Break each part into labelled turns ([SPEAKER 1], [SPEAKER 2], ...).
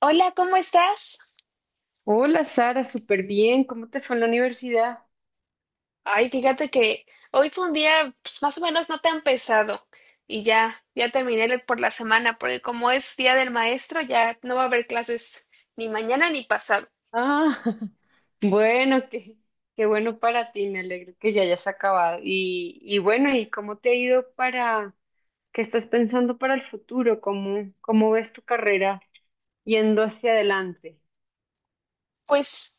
[SPEAKER 1] Hola, ¿cómo estás?
[SPEAKER 2] Hola Sara, súper bien. ¿Cómo te fue en la universidad?
[SPEAKER 1] Ay, fíjate que hoy fue un día, pues, más o menos no tan pesado, y ya terminé la- por la semana, porque como es día del maestro, ya no va a haber clases ni mañana ni pasado.
[SPEAKER 2] Ah, bueno, qué bueno para ti. Me alegro que ya hayas acabado. Y bueno, ¿y cómo te ha ido para, qué estás pensando para el futuro? ¿Cómo ves tu carrera yendo hacia adelante?
[SPEAKER 1] Pues,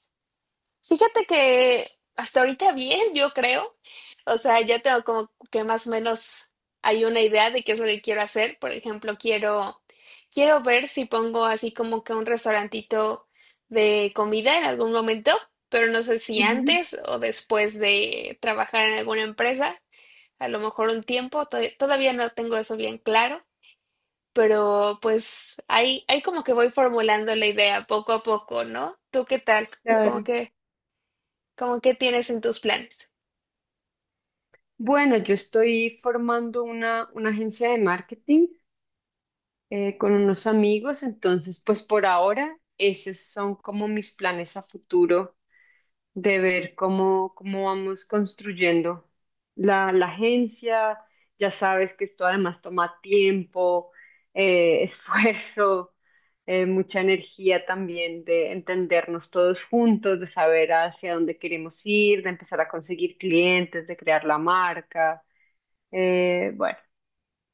[SPEAKER 1] fíjate que hasta ahorita bien, yo creo. O sea, ya tengo como que más o menos hay una idea de qué es lo que quiero hacer. Por ejemplo, quiero ver si pongo así como que un restaurantito de comida en algún momento, pero no sé si
[SPEAKER 2] Ujú,
[SPEAKER 1] antes o después de trabajar en alguna empresa, a lo mejor un tiempo, todavía no tengo eso bien claro, pero pues ahí como que voy formulando la idea poco a poco, ¿no? ¿Tú qué tal? ¿Cómo
[SPEAKER 2] claro.
[SPEAKER 1] que ¿Cómo qué tienes en tus planes?
[SPEAKER 2] Bueno, yo estoy formando una agencia de marketing, con unos amigos, entonces pues por ahora esos son como mis planes a futuro de ver cómo vamos construyendo la agencia. Ya sabes que esto además toma tiempo, esfuerzo, mucha energía también de entendernos todos juntos, de saber hacia dónde queremos ir, de empezar a conseguir clientes, de crear la marca. Bueno.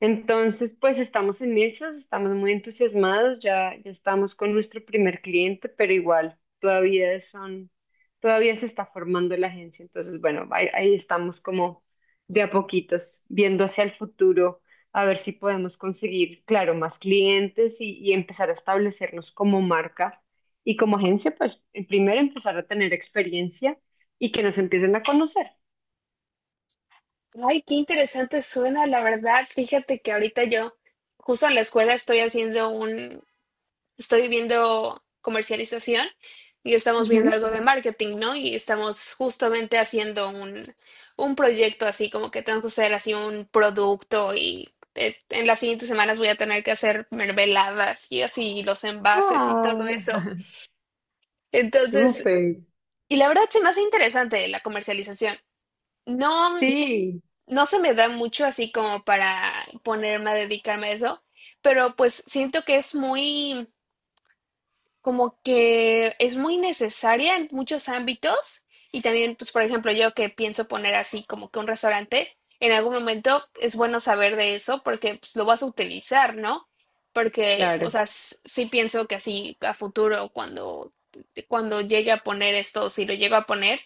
[SPEAKER 2] Entonces, pues estamos en esas, estamos muy entusiasmados, ya estamos con nuestro primer cliente, pero igual todavía se está formando la agencia. Entonces, bueno, ahí estamos como de a poquitos, viendo hacia el futuro, a ver si podemos conseguir, claro, más clientes y empezar a establecernos como marca y como agencia, pues en primero empezar a tener experiencia y que nos empiecen a conocer.
[SPEAKER 1] Ay, qué interesante suena, la verdad. Fíjate que ahorita yo, justo en la escuela, estoy viendo comercialización y estamos
[SPEAKER 2] Ujú.
[SPEAKER 1] viendo algo de marketing, ¿no? Y estamos justamente haciendo un proyecto así, como que tenemos que hacer así un producto y en las siguientes semanas voy a tener que hacer mermeladas y así los envases y todo
[SPEAKER 2] Ah,
[SPEAKER 1] eso. Entonces,
[SPEAKER 2] súper.
[SPEAKER 1] Y la verdad se me hace interesante la comercialización. No,
[SPEAKER 2] Sí,
[SPEAKER 1] no se me da mucho así como para ponerme a dedicarme a eso, pero pues siento que es muy, como que es muy necesaria en muchos ámbitos y también, pues, por ejemplo, yo que pienso poner así como que un restaurante, en algún momento es bueno saber de eso porque, pues, lo vas a utilizar, ¿no? Porque, o
[SPEAKER 2] Claro,
[SPEAKER 1] sea, sí pienso que así a futuro, cuando llegue a poner esto, o si lo llego a poner,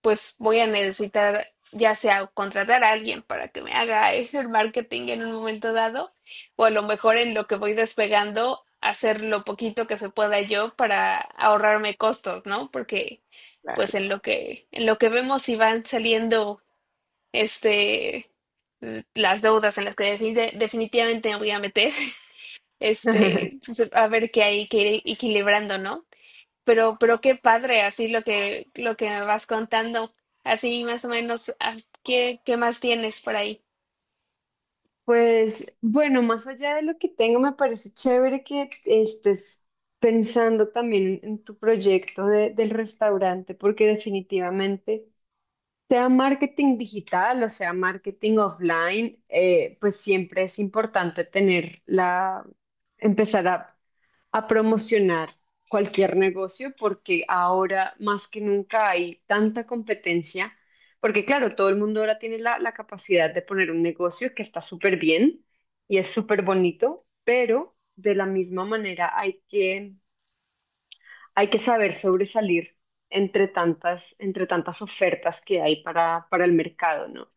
[SPEAKER 1] pues voy a necesitar ya sea contratar a alguien para que me haga el marketing en un momento dado o a lo mejor en lo que voy despegando, hacer lo poquito que se pueda yo para ahorrarme costos, ¿no? Porque pues
[SPEAKER 2] claro.
[SPEAKER 1] en lo que vemos si van saliendo este las deudas en las que definitivamente me voy a meter, pues, a ver, qué hay que ir equilibrando, ¿no? Pero qué padre, así lo que me vas contando, así más o menos, ah, ¿qué, qué más tienes por ahí?
[SPEAKER 2] Pues bueno, más allá de lo que tengo, me parece chévere que estés pensando también en tu proyecto del restaurante, porque definitivamente, sea marketing digital o sea marketing offline, pues siempre es importante tener empezar a promocionar cualquier negocio porque ahora más que nunca hay tanta competencia, porque claro, todo el mundo ahora tiene la capacidad de poner un negocio que está súper bien y es súper bonito, pero de la misma manera hay que saber sobresalir entre tantas ofertas que hay para el mercado, ¿no?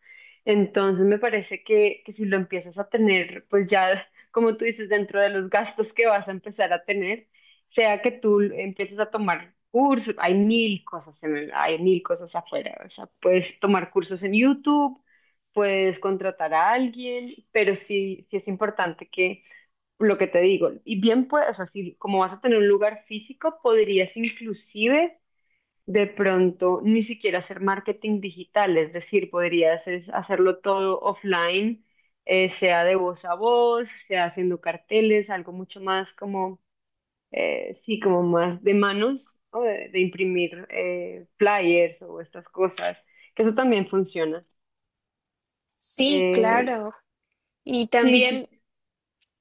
[SPEAKER 2] Entonces me parece que si lo empiezas a tener, pues ya, como tú dices, dentro de los gastos que vas a empezar a tener, sea que tú empieces a tomar cursos, hay mil cosas hay mil cosas afuera, o sea, puedes tomar cursos en YouTube, puedes contratar a alguien, pero sí, sí es importante que lo que te digo, y bien puedes, o sea, si como vas a tener un lugar físico, podrías inclusive de pronto ni siquiera hacer marketing digital, es decir, podrías hacerlo todo offline, sea de voz a voz, sea haciendo carteles, algo mucho más como, sí, como más de manos, o de imprimir flyers o estas cosas, que eso también funciona.
[SPEAKER 1] Sí,
[SPEAKER 2] Eh,
[SPEAKER 1] claro. Y
[SPEAKER 2] sí,
[SPEAKER 1] también,
[SPEAKER 2] sí,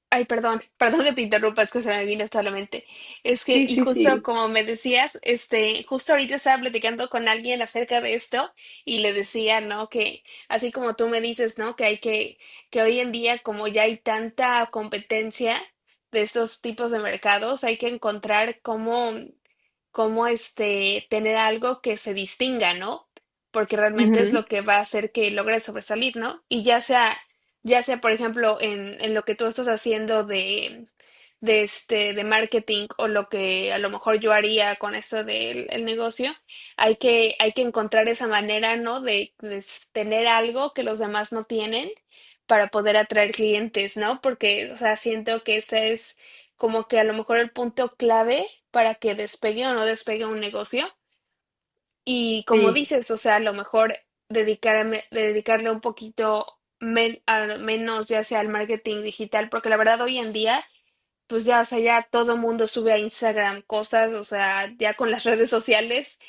[SPEAKER 1] ay, perdón, perdón que te interrumpa, es que se me vino esto a la mente. Es que,
[SPEAKER 2] sí,
[SPEAKER 1] y
[SPEAKER 2] sí,
[SPEAKER 1] justo
[SPEAKER 2] sí.
[SPEAKER 1] como me decías, justo ahorita estaba platicando con alguien acerca de esto y le decía, ¿no? Que así como tú me dices, ¿no? Que hay que hoy en día, como ya hay tanta competencia de estos tipos de mercados, hay que encontrar cómo, cómo tener algo que se distinga, ¿no? Porque realmente es
[SPEAKER 2] Ujú,
[SPEAKER 1] lo que va a hacer que logres sobresalir, ¿no? Ya sea, por ejemplo, en lo que tú estás haciendo de, de marketing, o lo que a lo mejor yo haría con esto del el negocio, hay que encontrar esa manera, ¿no? De, tener algo que los demás no tienen para poder atraer clientes, ¿no? Porque, o sea, siento que ese es como que a lo mejor el punto clave para que despegue o no despegue un negocio. Y como
[SPEAKER 2] sí.
[SPEAKER 1] dices, o sea, a lo mejor dedicarle un poquito menos ya sea al marketing digital, porque la verdad hoy en día, pues ya, o sea, ya todo mundo sube a Instagram cosas, o sea, ya con las redes sociales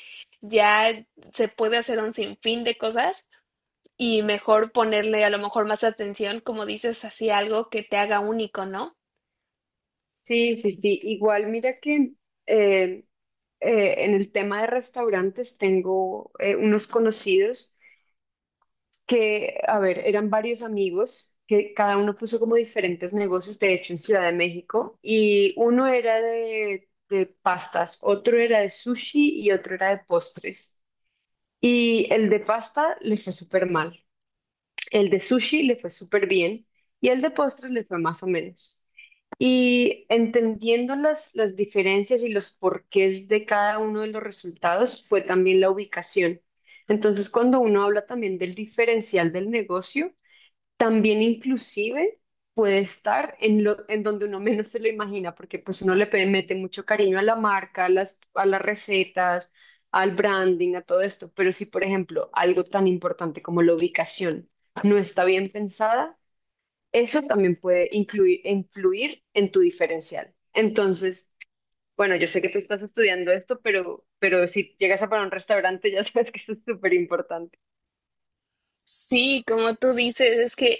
[SPEAKER 1] ya se puede hacer un sinfín de cosas y mejor ponerle a lo mejor más atención, como dices, así algo que te haga único, ¿no?
[SPEAKER 2] Sí, sí, sí. Igual, mira que eh, en el tema de restaurantes tengo unos conocidos que, a ver, eran varios amigos que cada uno puso como diferentes negocios, de hecho, en Ciudad de México, y uno era de pastas, otro era de sushi y otro era de postres. Y el de pasta le fue súper mal, el de sushi le fue súper bien y el de postres le fue más o menos. Y entendiendo las diferencias y los porqués de cada uno de los resultados fue también la ubicación. Entonces, cuando uno habla también del diferencial del negocio, también inclusive puede estar en donde uno menos se lo imagina, porque pues uno le mete mucho cariño a la marca, a las recetas, al branding, a todo esto. Pero si, por ejemplo, algo tan importante como la ubicación no está bien pensada, eso también puede influir en tu diferencial. Entonces, bueno, yo sé que tú estás estudiando esto, pero si llegas a para un restaurante, ya sabes que eso es súper importante.
[SPEAKER 1] Sí, como tú dices, es que,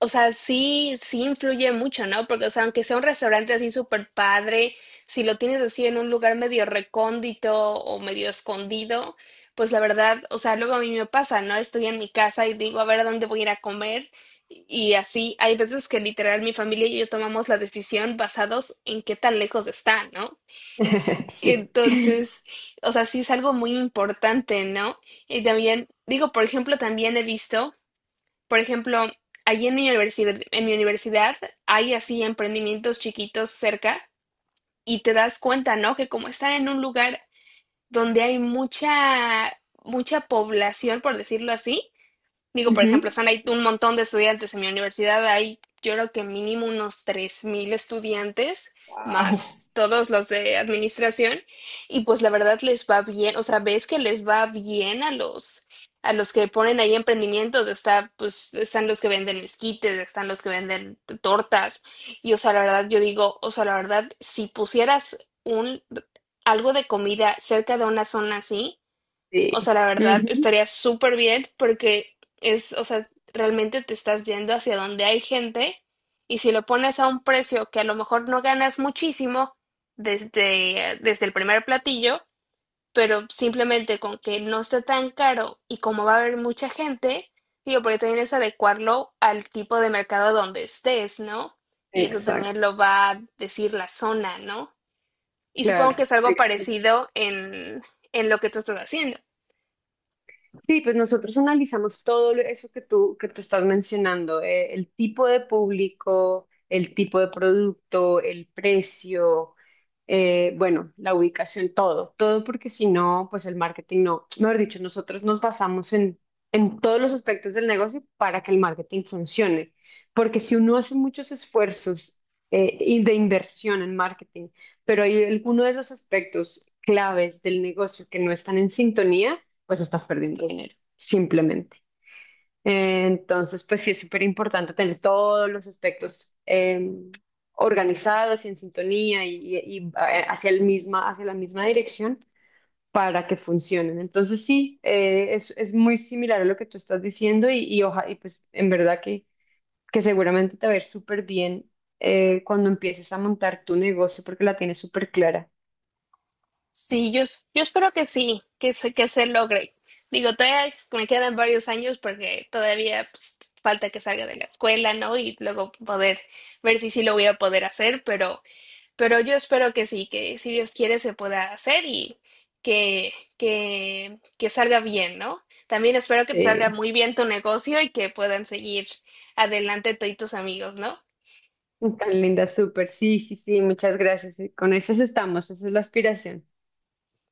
[SPEAKER 1] o sea, sí, sí influye mucho, ¿no? Porque, o sea, aunque sea un restaurante así súper padre, si lo tienes así en un lugar medio recóndito o medio escondido, pues la verdad, o sea, luego a mí me pasa, ¿no? Estoy en mi casa y digo, a ver, ¿a dónde voy a ir a comer? Y así, hay veces que literal mi familia y yo tomamos la decisión basados en qué tan lejos está, ¿no?
[SPEAKER 2] Sí.
[SPEAKER 1] Entonces, o sea, sí es algo muy importante, ¿no? Y también, digo, por ejemplo, también he visto, por ejemplo, allí en mi universidad hay así emprendimientos chiquitos cerca y te das cuenta, ¿no? Que como están en un lugar donde hay mucha, mucha población, por decirlo así. Digo, por ejemplo,
[SPEAKER 2] Ujú.
[SPEAKER 1] están ahí un montón de estudiantes en mi universidad, hay, yo creo que mínimo, unos 3000 estudiantes,
[SPEAKER 2] Wow.
[SPEAKER 1] más todos los de administración, y pues la verdad les va bien, o sea, ves que les va bien a los que ponen ahí emprendimientos, está, pues, están los que venden esquites, están los que venden tortas, y, o sea, la verdad yo digo, o sea, la verdad, si pusieras un, algo de comida cerca de una zona así, o sea,
[SPEAKER 2] Sí.
[SPEAKER 1] la verdad
[SPEAKER 2] Ujú.
[SPEAKER 1] estaría súper bien porque es, o sea, realmente te estás yendo hacia donde hay gente. Y si lo pones a un precio que a lo mejor no ganas muchísimo desde, desde el primer platillo, pero simplemente con que no esté tan caro, y como va a haber mucha gente, digo, porque también es adecuarlo al tipo de mercado donde estés, ¿no? Y eso también
[SPEAKER 2] Exacto.
[SPEAKER 1] lo va a decir la zona, ¿no? Y supongo que
[SPEAKER 2] Claro.
[SPEAKER 1] es algo parecido en lo que tú estás haciendo.
[SPEAKER 2] Sí, pues nosotros analizamos todo eso que tú estás mencionando, el tipo de público, el tipo de producto, el precio, bueno, la ubicación, todo, todo porque si no, pues el marketing no, mejor dicho, nosotros nos basamos en todos los aspectos del negocio para que el marketing funcione, porque si uno hace muchos esfuerzos y de inversión en marketing, pero hay algunos de los aspectos claves del negocio que no están en sintonía, pues estás perdiendo dinero, simplemente. Entonces, pues sí es súper importante tener todos los aspectos organizados y en sintonía y, hacia la misma dirección para que funcionen. Entonces, sí, es muy similar a lo que tú estás diciendo y, y pues en verdad que seguramente te va a ir súper bien cuando empieces a montar tu negocio porque la tienes súper clara.
[SPEAKER 1] Sí, yo, yo espero que sí, que se logre. Digo, todavía me quedan varios años porque todavía, pues, falta que salga de la escuela, ¿no? Y luego poder ver si sí lo voy a poder hacer, pero yo espero que sí, que si Dios quiere se pueda hacer y que salga bien, ¿no? También espero que te salga muy bien tu negocio y que puedan seguir adelante tú y tus amigos, ¿no?
[SPEAKER 2] Tan linda, súper. Sí, sí, sí, muchas gracias. Y con esas estamos, esa es la aspiración.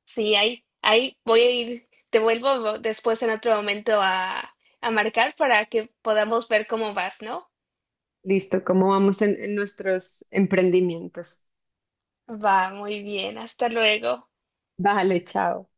[SPEAKER 1] Sí, ahí voy a ir, te vuelvo después en otro momento a marcar para que podamos ver cómo vas, ¿no?
[SPEAKER 2] Listo, ¿cómo vamos en nuestros emprendimientos?
[SPEAKER 1] Va, muy bien, hasta luego.
[SPEAKER 2] Vale, chao.